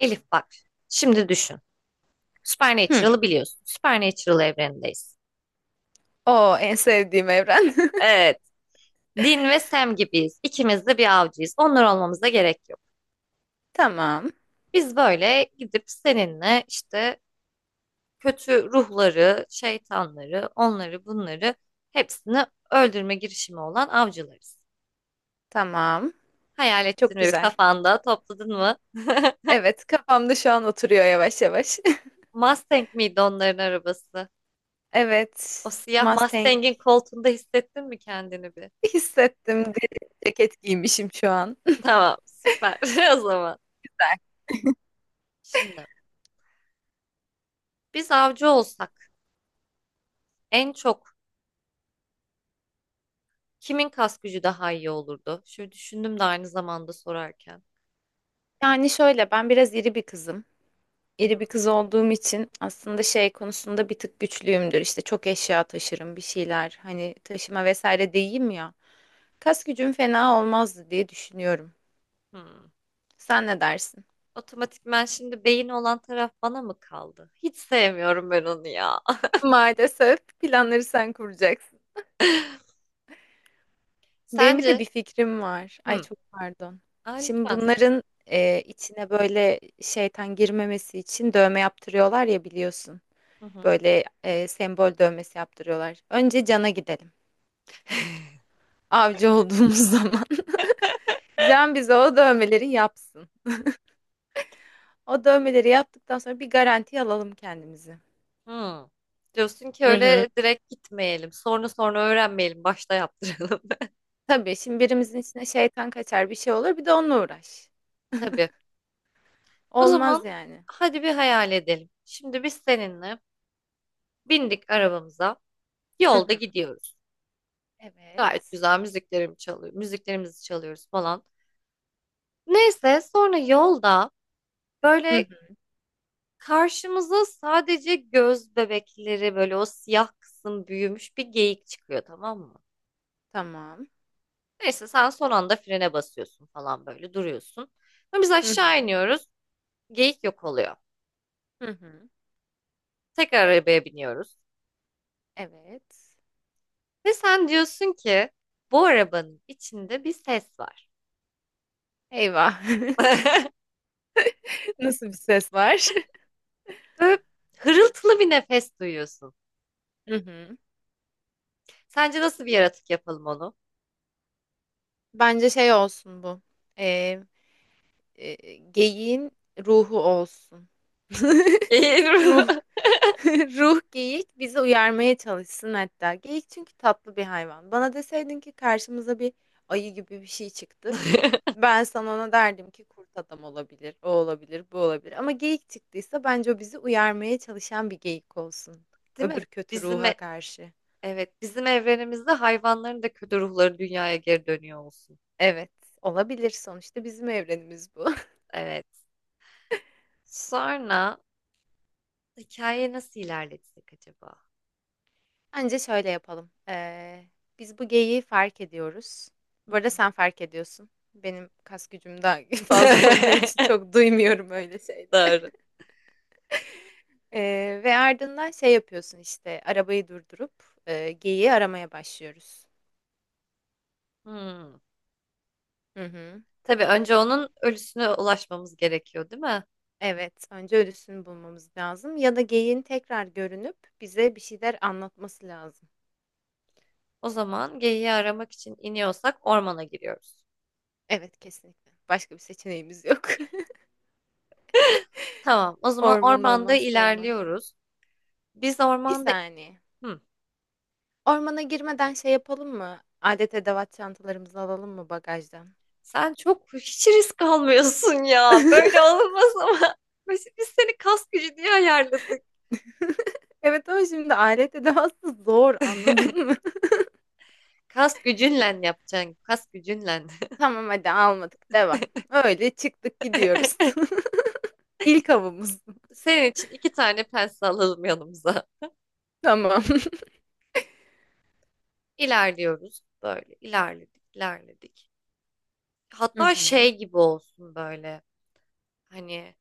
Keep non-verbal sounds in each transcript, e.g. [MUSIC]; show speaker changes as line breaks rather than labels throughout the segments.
Elif bak, şimdi düşün.
Hı.
Supernatural'ı biliyorsun. Supernatural evrenindeyiz.
O en sevdiğim evren.
Evet, Dean ve Sam gibiyiz. İkimiz de bir avcıyız. Onlar olmamıza gerek yok.
[LAUGHS] Tamam.
Biz böyle gidip seninle işte kötü ruhları, şeytanları, onları bunları hepsini öldürme girişimi olan avcılarız.
Tamam.
Hayal ettin
Çok
mi bir
güzel.
kafanda, topladın mı? [LAUGHS]
Evet, kafamda şu an oturuyor yavaş yavaş. [LAUGHS]
Mustang miydi onların arabası?
Evet.
O siyah
Mustang
Mustang'in koltuğunda hissettin mi kendini bir?
hissettim. Deri ceket giymişim şu an.
Tamam, süper [LAUGHS] o zaman. Şimdi biz avcı olsak en çok kimin kas gücü daha iyi olurdu? Şöyle düşündüm de aynı zamanda sorarken.
Yani şöyle ben biraz iri bir kızım.
Hı
İri
hı.
bir kız olduğum için aslında şey konusunda bir tık güçlüyümdür. İşte çok eşya taşırım bir şeyler. Hani taşıma vesaire değilim ya. Kas gücüm fena olmazdı diye düşünüyorum.
Hmm.
Sen ne dersin?
Otomatikman şimdi beyin olan taraf bana mı kaldı? Hiç sevmiyorum ben onu ya.
Maalesef planları sen kuracaksın.
[LAUGHS]
Benim bir de
Sence?
bir fikrim var. Ay
Hı.
çok pardon.
Aa,
Şimdi
lütfen söyle.
bunların içine böyle şeytan girmemesi için dövme yaptırıyorlar ya biliyorsun.
Hı hı.
Böyle sembol dövmesi yaptırıyorlar. Önce Can'a gidelim. Avcı olduğumuz [LAUGHS] zaman. Can bize o dövmeleri yapsın. O dövmeleri yaptıktan sonra bir garanti alalım kendimizi.
Hı. Diyorsun ki
Hı hı.
öyle direkt gitmeyelim. Sonra sonra öğrenmeyelim. Başta yaptıralım.
Tabii şimdi birimizin içine şeytan kaçar bir şey olur bir de onunla uğraş.
[LAUGHS] Tabii. O zaman
Olmaz yani.
hadi bir hayal edelim. Şimdi biz seninle bindik arabamıza.
Hı
Yolda
hı.
gidiyoruz. Gayet
Evet.
güzel müziklerimi çalıyor, müziklerimizi çalıyoruz falan. Neyse sonra yolda
Hı
böyle
hı.
karşımıza sadece göz bebekleri böyle o siyah kısım büyümüş bir geyik çıkıyor, tamam mı?
Tamam.
Neyse sen son anda frene basıyorsun falan, böyle duruyorsun. Ama biz
Hı
aşağı
hı.
iniyoruz, geyik yok oluyor.
Hı hı.
Tekrar arabaya biniyoruz.
Evet.
Ve sen diyorsun ki bu arabanın içinde bir ses var.
Eyvah. [LAUGHS]
[LAUGHS]
Nasıl bir ses var?
Böyle hırıltılı bir nefes duyuyorsun.
[LAUGHS] Hı hı.
Sence nasıl bir yaratık yapalım onu?
Bence şey olsun bu. Ee, geyiğin ruhu olsun. [LAUGHS]
Eğil.
Ruh. [LAUGHS] Ruh geyik bizi uyarmaya çalışsın hatta. Geyik çünkü tatlı bir hayvan. Bana deseydin ki karşımıza bir ayı gibi bir şey çıktı.
[LAUGHS]
Ben sana ona derdim ki kurt adam olabilir, o olabilir, bu olabilir. Ama geyik çıktıysa bence o bizi uyarmaya çalışan bir geyik olsun.
Değil mi?
Öbür kötü
Bizim
ruha
e-
karşı.
evet, bizim evrenimizde hayvanların da kötü ruhları dünyaya geri dönüyor olsun.
Evet, olabilir. Sonuçta bizim evrenimiz bu. [LAUGHS]
Evet. Sonra hikaye nasıl ilerletsek acaba?
Bence şöyle yapalım. Biz bu geyiği fark ediyoruz.
Hı
Bu arada
hı.
sen fark ediyorsun. Benim kas gücüm daha [LAUGHS] fazla olduğu için
[LAUGHS]
çok duymuyorum öyle şeyleri.
Doğru.
Ve ardından şey yapıyorsun işte arabayı durdurup geyiği aramaya başlıyoruz.
Hmm.
Hı hı.
Tabii önce onun ölüsüne ulaşmamız gerekiyor, değil mi?
Evet, önce ölüsünü bulmamız lazım ya da geyiğin tekrar görünüp bize bir şeyler anlatması lazım.
O zaman geyiği aramak için iniyorsak ormana giriyoruz.
Evet, kesinlikle. Başka bir seçeneğimiz yok. [LAUGHS]
Tamam. O zaman
Orman
ormanda
olmazsa olmaz.
ilerliyoruz. Biz
Bir
ormanda.
saniye.
Hı.
Ormana girmeden şey yapalım mı? Alet edevat çantalarımızı alalım mı bagajdan?
Sen çok hiç risk almıyorsun ya. Böyle
[LAUGHS]
olmaz ama. [LAUGHS] Biz seni kas gücü diye ayarladık.
Evet ama şimdi alet edevatı zor anladın mı? [LAUGHS]
Kas gücünle yapacaksın. Kas gücünle.
Tamam hadi almadık devam. Öyle çıktık gidiyoruz.
[LAUGHS]
[LAUGHS] İlk avımız.
Senin için iki tane pense alalım yanımıza.
Tamam.
İlerliyoruz böyle. İlerledik ilerledik.
[LAUGHS] Hı
Hatta
hı.
şey gibi olsun böyle. Hani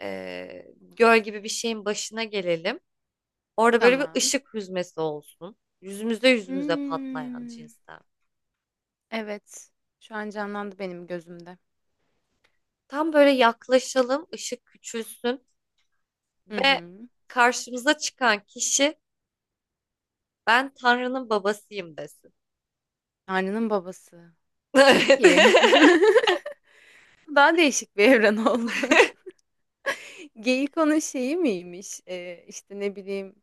göl gibi bir şeyin başına gelelim. Orada böyle bir
Tamam.
ışık hüzmesi olsun. Yüzümüze yüzümüze patlayan
Hmm,
cinsten.
evet. Şu an canlandı benim gözümde.
Tam böyle yaklaşalım, ışık küçülsün.
Hı
Ve
hı.
karşımıza çıkan kişi ben Tanrı'nın babasıyım desin. [LAUGHS]
Tanrı'nın babası.
Evet.
Peki. [LAUGHS]
[LAUGHS]
Daha değişik bir evren oldu. Geyik onun şeyi miymiş? İşte ne bileyim,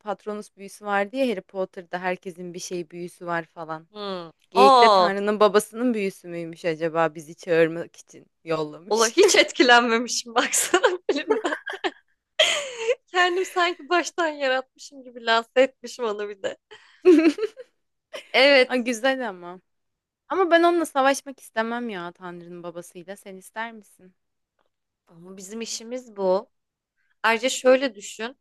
Patronus büyüsü var diye Harry Potter'da herkesin bir şey büyüsü var falan.
Hmm.
Geyik de
Aa,
Tanrı'nın babasının büyüsü müymüş acaba bizi çağırmak için
ola
yollamış.
hiç etkilenmemişim baksana [LAUGHS] filmden. Kendim sanki baştan yaratmışım gibi lanse etmişim onu bir de.
[LAUGHS] Ha,
Evet,
güzel ama. Ama ben onunla savaşmak istemem ya Tanrı'nın babasıyla. Sen ister misin?
ama bizim işimiz bu. Ayrıca şöyle düşün.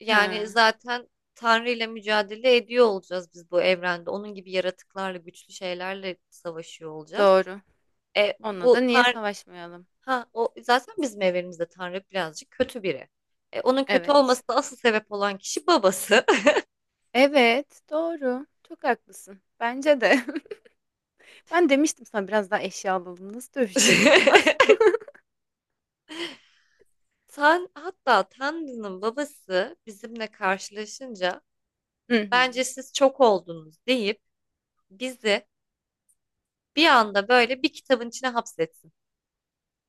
Yani
Ha,
zaten Tanrı ile mücadele ediyor olacağız biz bu evrende. Onun gibi yaratıklarla, güçlü şeylerle savaşıyor olacağız.
doğru.
E,
Onunla da
bu
niye
Tanrı.
savaşmayalım?
Ha, o zaten bizim evrenimizde Tanrı birazcık kötü biri. E, onun kötü
Evet.
olmasına asıl sebep olan kişi babası.
Evet, doğru. Çok haklısın. Bence de. [LAUGHS] Ben demiştim sana biraz daha eşya alalım. Nasıl dövüşeceğiz onunla?
[LAUGHS]
[LAUGHS]
Hatta Tanrı'nın babası bizimle karşılaşınca
Hı hı.
bence siz çok oldunuz deyip bizi bir anda böyle bir kitabın içine hapsetsin.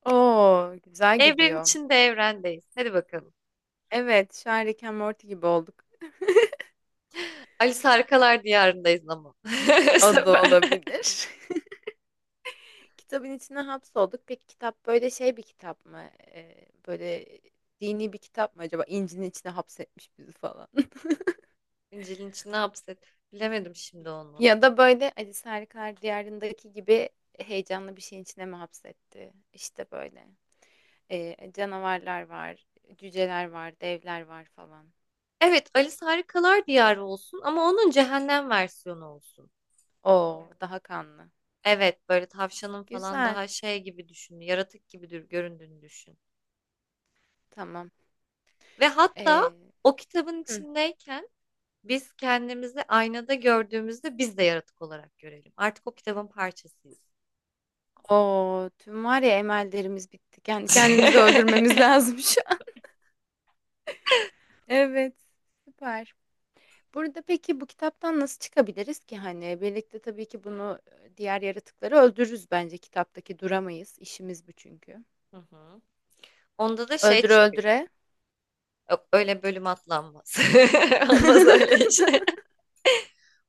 Oo, güzel
Evren
gidiyor.
içinde evrendeyiz. Hadi bakalım.
Evet, şu an Rick and Morty gibi olduk.
Alice Harikalar Diyarındayız ama. [LAUGHS] Bu
O da
sefer.
olabilir. [LAUGHS] Kitabın içine hapsolduk. Peki kitap böyle şey bir kitap mı? Böyle dini bir kitap mı acaba? İncil'in içine hapsetmiş bizi falan. [LAUGHS]
İncil'in içine hapset. Bilemedim şimdi onu.
Ya da böyle Alice Harikalar Diyarı'ndaki gibi heyecanlı bir şeyin içine mi hapsetti? İşte böyle. Canavarlar var, cüceler var, devler var falan.
Evet, Alice Harikalar Diyarı olsun ama onun cehennem versiyonu olsun.
Oo, daha kanlı.
Evet, böyle tavşanın falan
Güzel.
daha şey gibi düşün, yaratık gibi göründüğünü düşün.
Tamam.
Ve hatta
Ee,
o kitabın içindeyken biz kendimizi aynada gördüğümüzde biz de yaratık olarak görelim. Artık o kitabın parçasıyız.
oo, tüm var ya emellerimiz bitti. Kendi kendimizi
[LAUGHS]
öldürmemiz [LAUGHS] lazım şu an. [LAUGHS] Evet, süper. Burada peki bu kitaptan nasıl çıkabiliriz ki hani birlikte tabii ki bunu diğer yaratıkları öldürürüz bence kitaptaki duramayız. İşimiz bu çünkü.
Hı hı. Onda da şey
Öldüre
çıkıyor.
öldüre.
Yok, öyle bölüm atlanmaz. [LAUGHS]
[LAUGHS]
Olmaz öyle iş.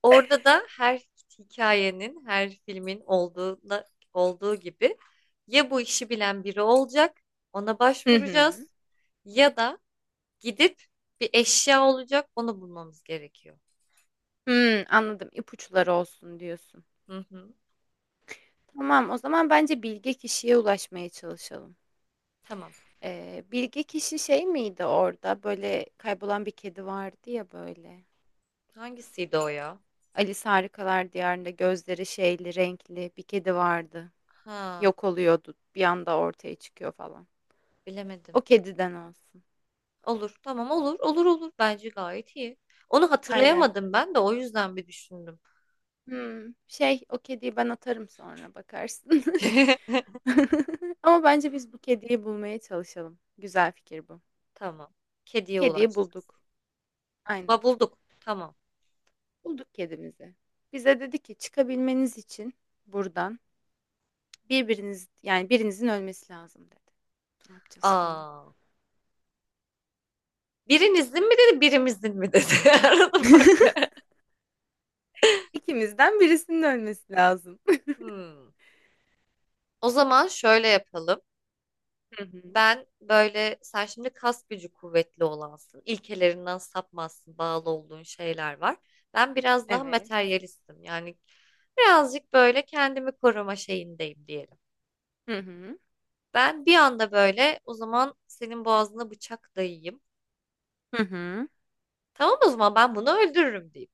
Orada da her hikayenin, her filmin olduğuna, olduğu gibi ya bu işi bilen biri olacak, ona
Hı hı.
başvuracağız ya da gidip bir eşya olacak, onu bulmamız gerekiyor.
Hmm, anladım. İpuçları olsun diyorsun.
Hı hı,
Tamam, o zaman bence bilge kişiye ulaşmaya çalışalım.
tamam.
Bilge kişi şey miydi orada? Böyle kaybolan bir kedi vardı ya böyle.
Hangisiydi o ya?
Alice Harikalar Diyarı'nda gözleri şeyli, renkli bir kedi vardı.
Ha,
Yok oluyordu. Bir anda ortaya çıkıyor falan.
bilemedim.
O kediden olsun.
Olur, tamam, olur, olur olur. Bence gayet iyi. Onu
Aynen.
hatırlayamadım ben de, o yüzden bir düşündüm.
Hmm, şey o kediyi ben atarım sonra bakarsın.
[LAUGHS]
[LAUGHS] Ama bence biz bu kediyi bulmaya çalışalım. Güzel fikir bu.
Tamam. Kediye
Kediyi
ulaştık.
bulduk. Aynen.
Bulduk. Tamam.
Bulduk kedimizi. Bize dedi ki çıkabilmeniz için buradan birbiriniz yani birinizin ölmesi lazım dedi. Ne yapacağız şimdi?
Aa. Birinizin mi dedi, birimizin mi dedi? [LAUGHS] Arada fark.
İkimizden birisinin ölmesi lazım.
Hmm. O zaman şöyle yapalım.
[LAUGHS] Hı hı.
Ben böyle, sen şimdi kas gücü kuvvetli olansın. İlkelerinden sapmazsın. Bağlı olduğun şeyler var. Ben biraz daha
Evet.
materyalistim. Yani birazcık böyle kendimi koruma şeyindeyim diyelim.
Hı hı.
Ben bir anda böyle o zaman senin boğazına bıçak dayayayım.
Hı hı.
Tamam, o zaman ben bunu öldürürüm diyeyim.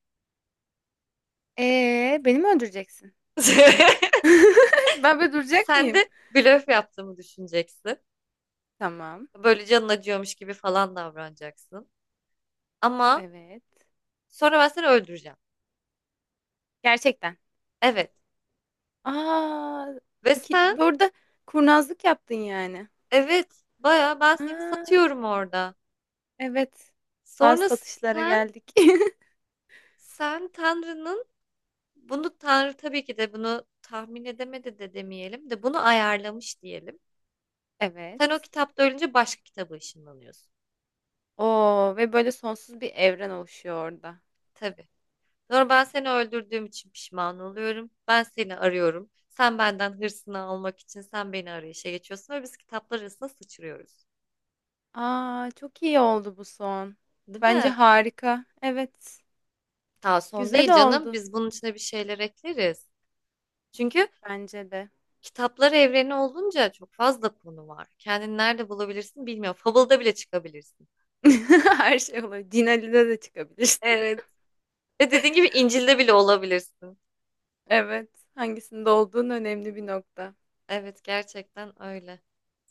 Beni mi öldüreceksin?
[LAUGHS]
[LAUGHS] Ben böyle duracak
Sen
mıyım?
de blöf yaptığımı düşüneceksin.
Tamam.
Böyle canın acıyormuş gibi falan davranacaksın. Ama
Evet.
sonra ben seni öldüreceğim.
Gerçekten.
Evet.
Aa,
Ve sen,
iki, burada kurnazlık yaptın yani.
evet, baya ben seni
Aa,
satıyorum orada.
evet. Bazı
Sonra
satışlara
sen
geldik. [LAUGHS]
Tanrı'nın, bunu Tanrı tabii ki de bunu tahmin edemedi de demeyelim de, bunu ayarlamış diyelim.
Evet.
Sen o kitapta ölünce başka kitaba ışınlanıyorsun.
Oo ve böyle sonsuz bir evren oluşuyor orada.
Tabii. Sonra ben seni öldürdüğüm için pişman oluyorum. Ben seni arıyorum. Benden hırsını almak için sen beni arayışa geçiyorsun ve biz kitaplar arasında sıçrıyoruz.
Aa, çok iyi oldu bu son.
Değil
Bence
mi?
harika. Evet.
Ta son değil
Güzel
canım.
oldu.
Biz bunun içine bir şeyler ekleriz. Çünkü
Bence de.
kitaplar evreni olunca çok fazla konu var. Kendini nerede bulabilirsin bilmiyorum. Fable'da bile çıkabilirsin.
[LAUGHS] Her şey olur. Din Ali'de de çıkabilirsin.
Evet. Ve dediğin gibi İncil'de bile olabilirsin.
Evet, hangisinde olduğun önemli bir nokta.
Evet, gerçekten öyle.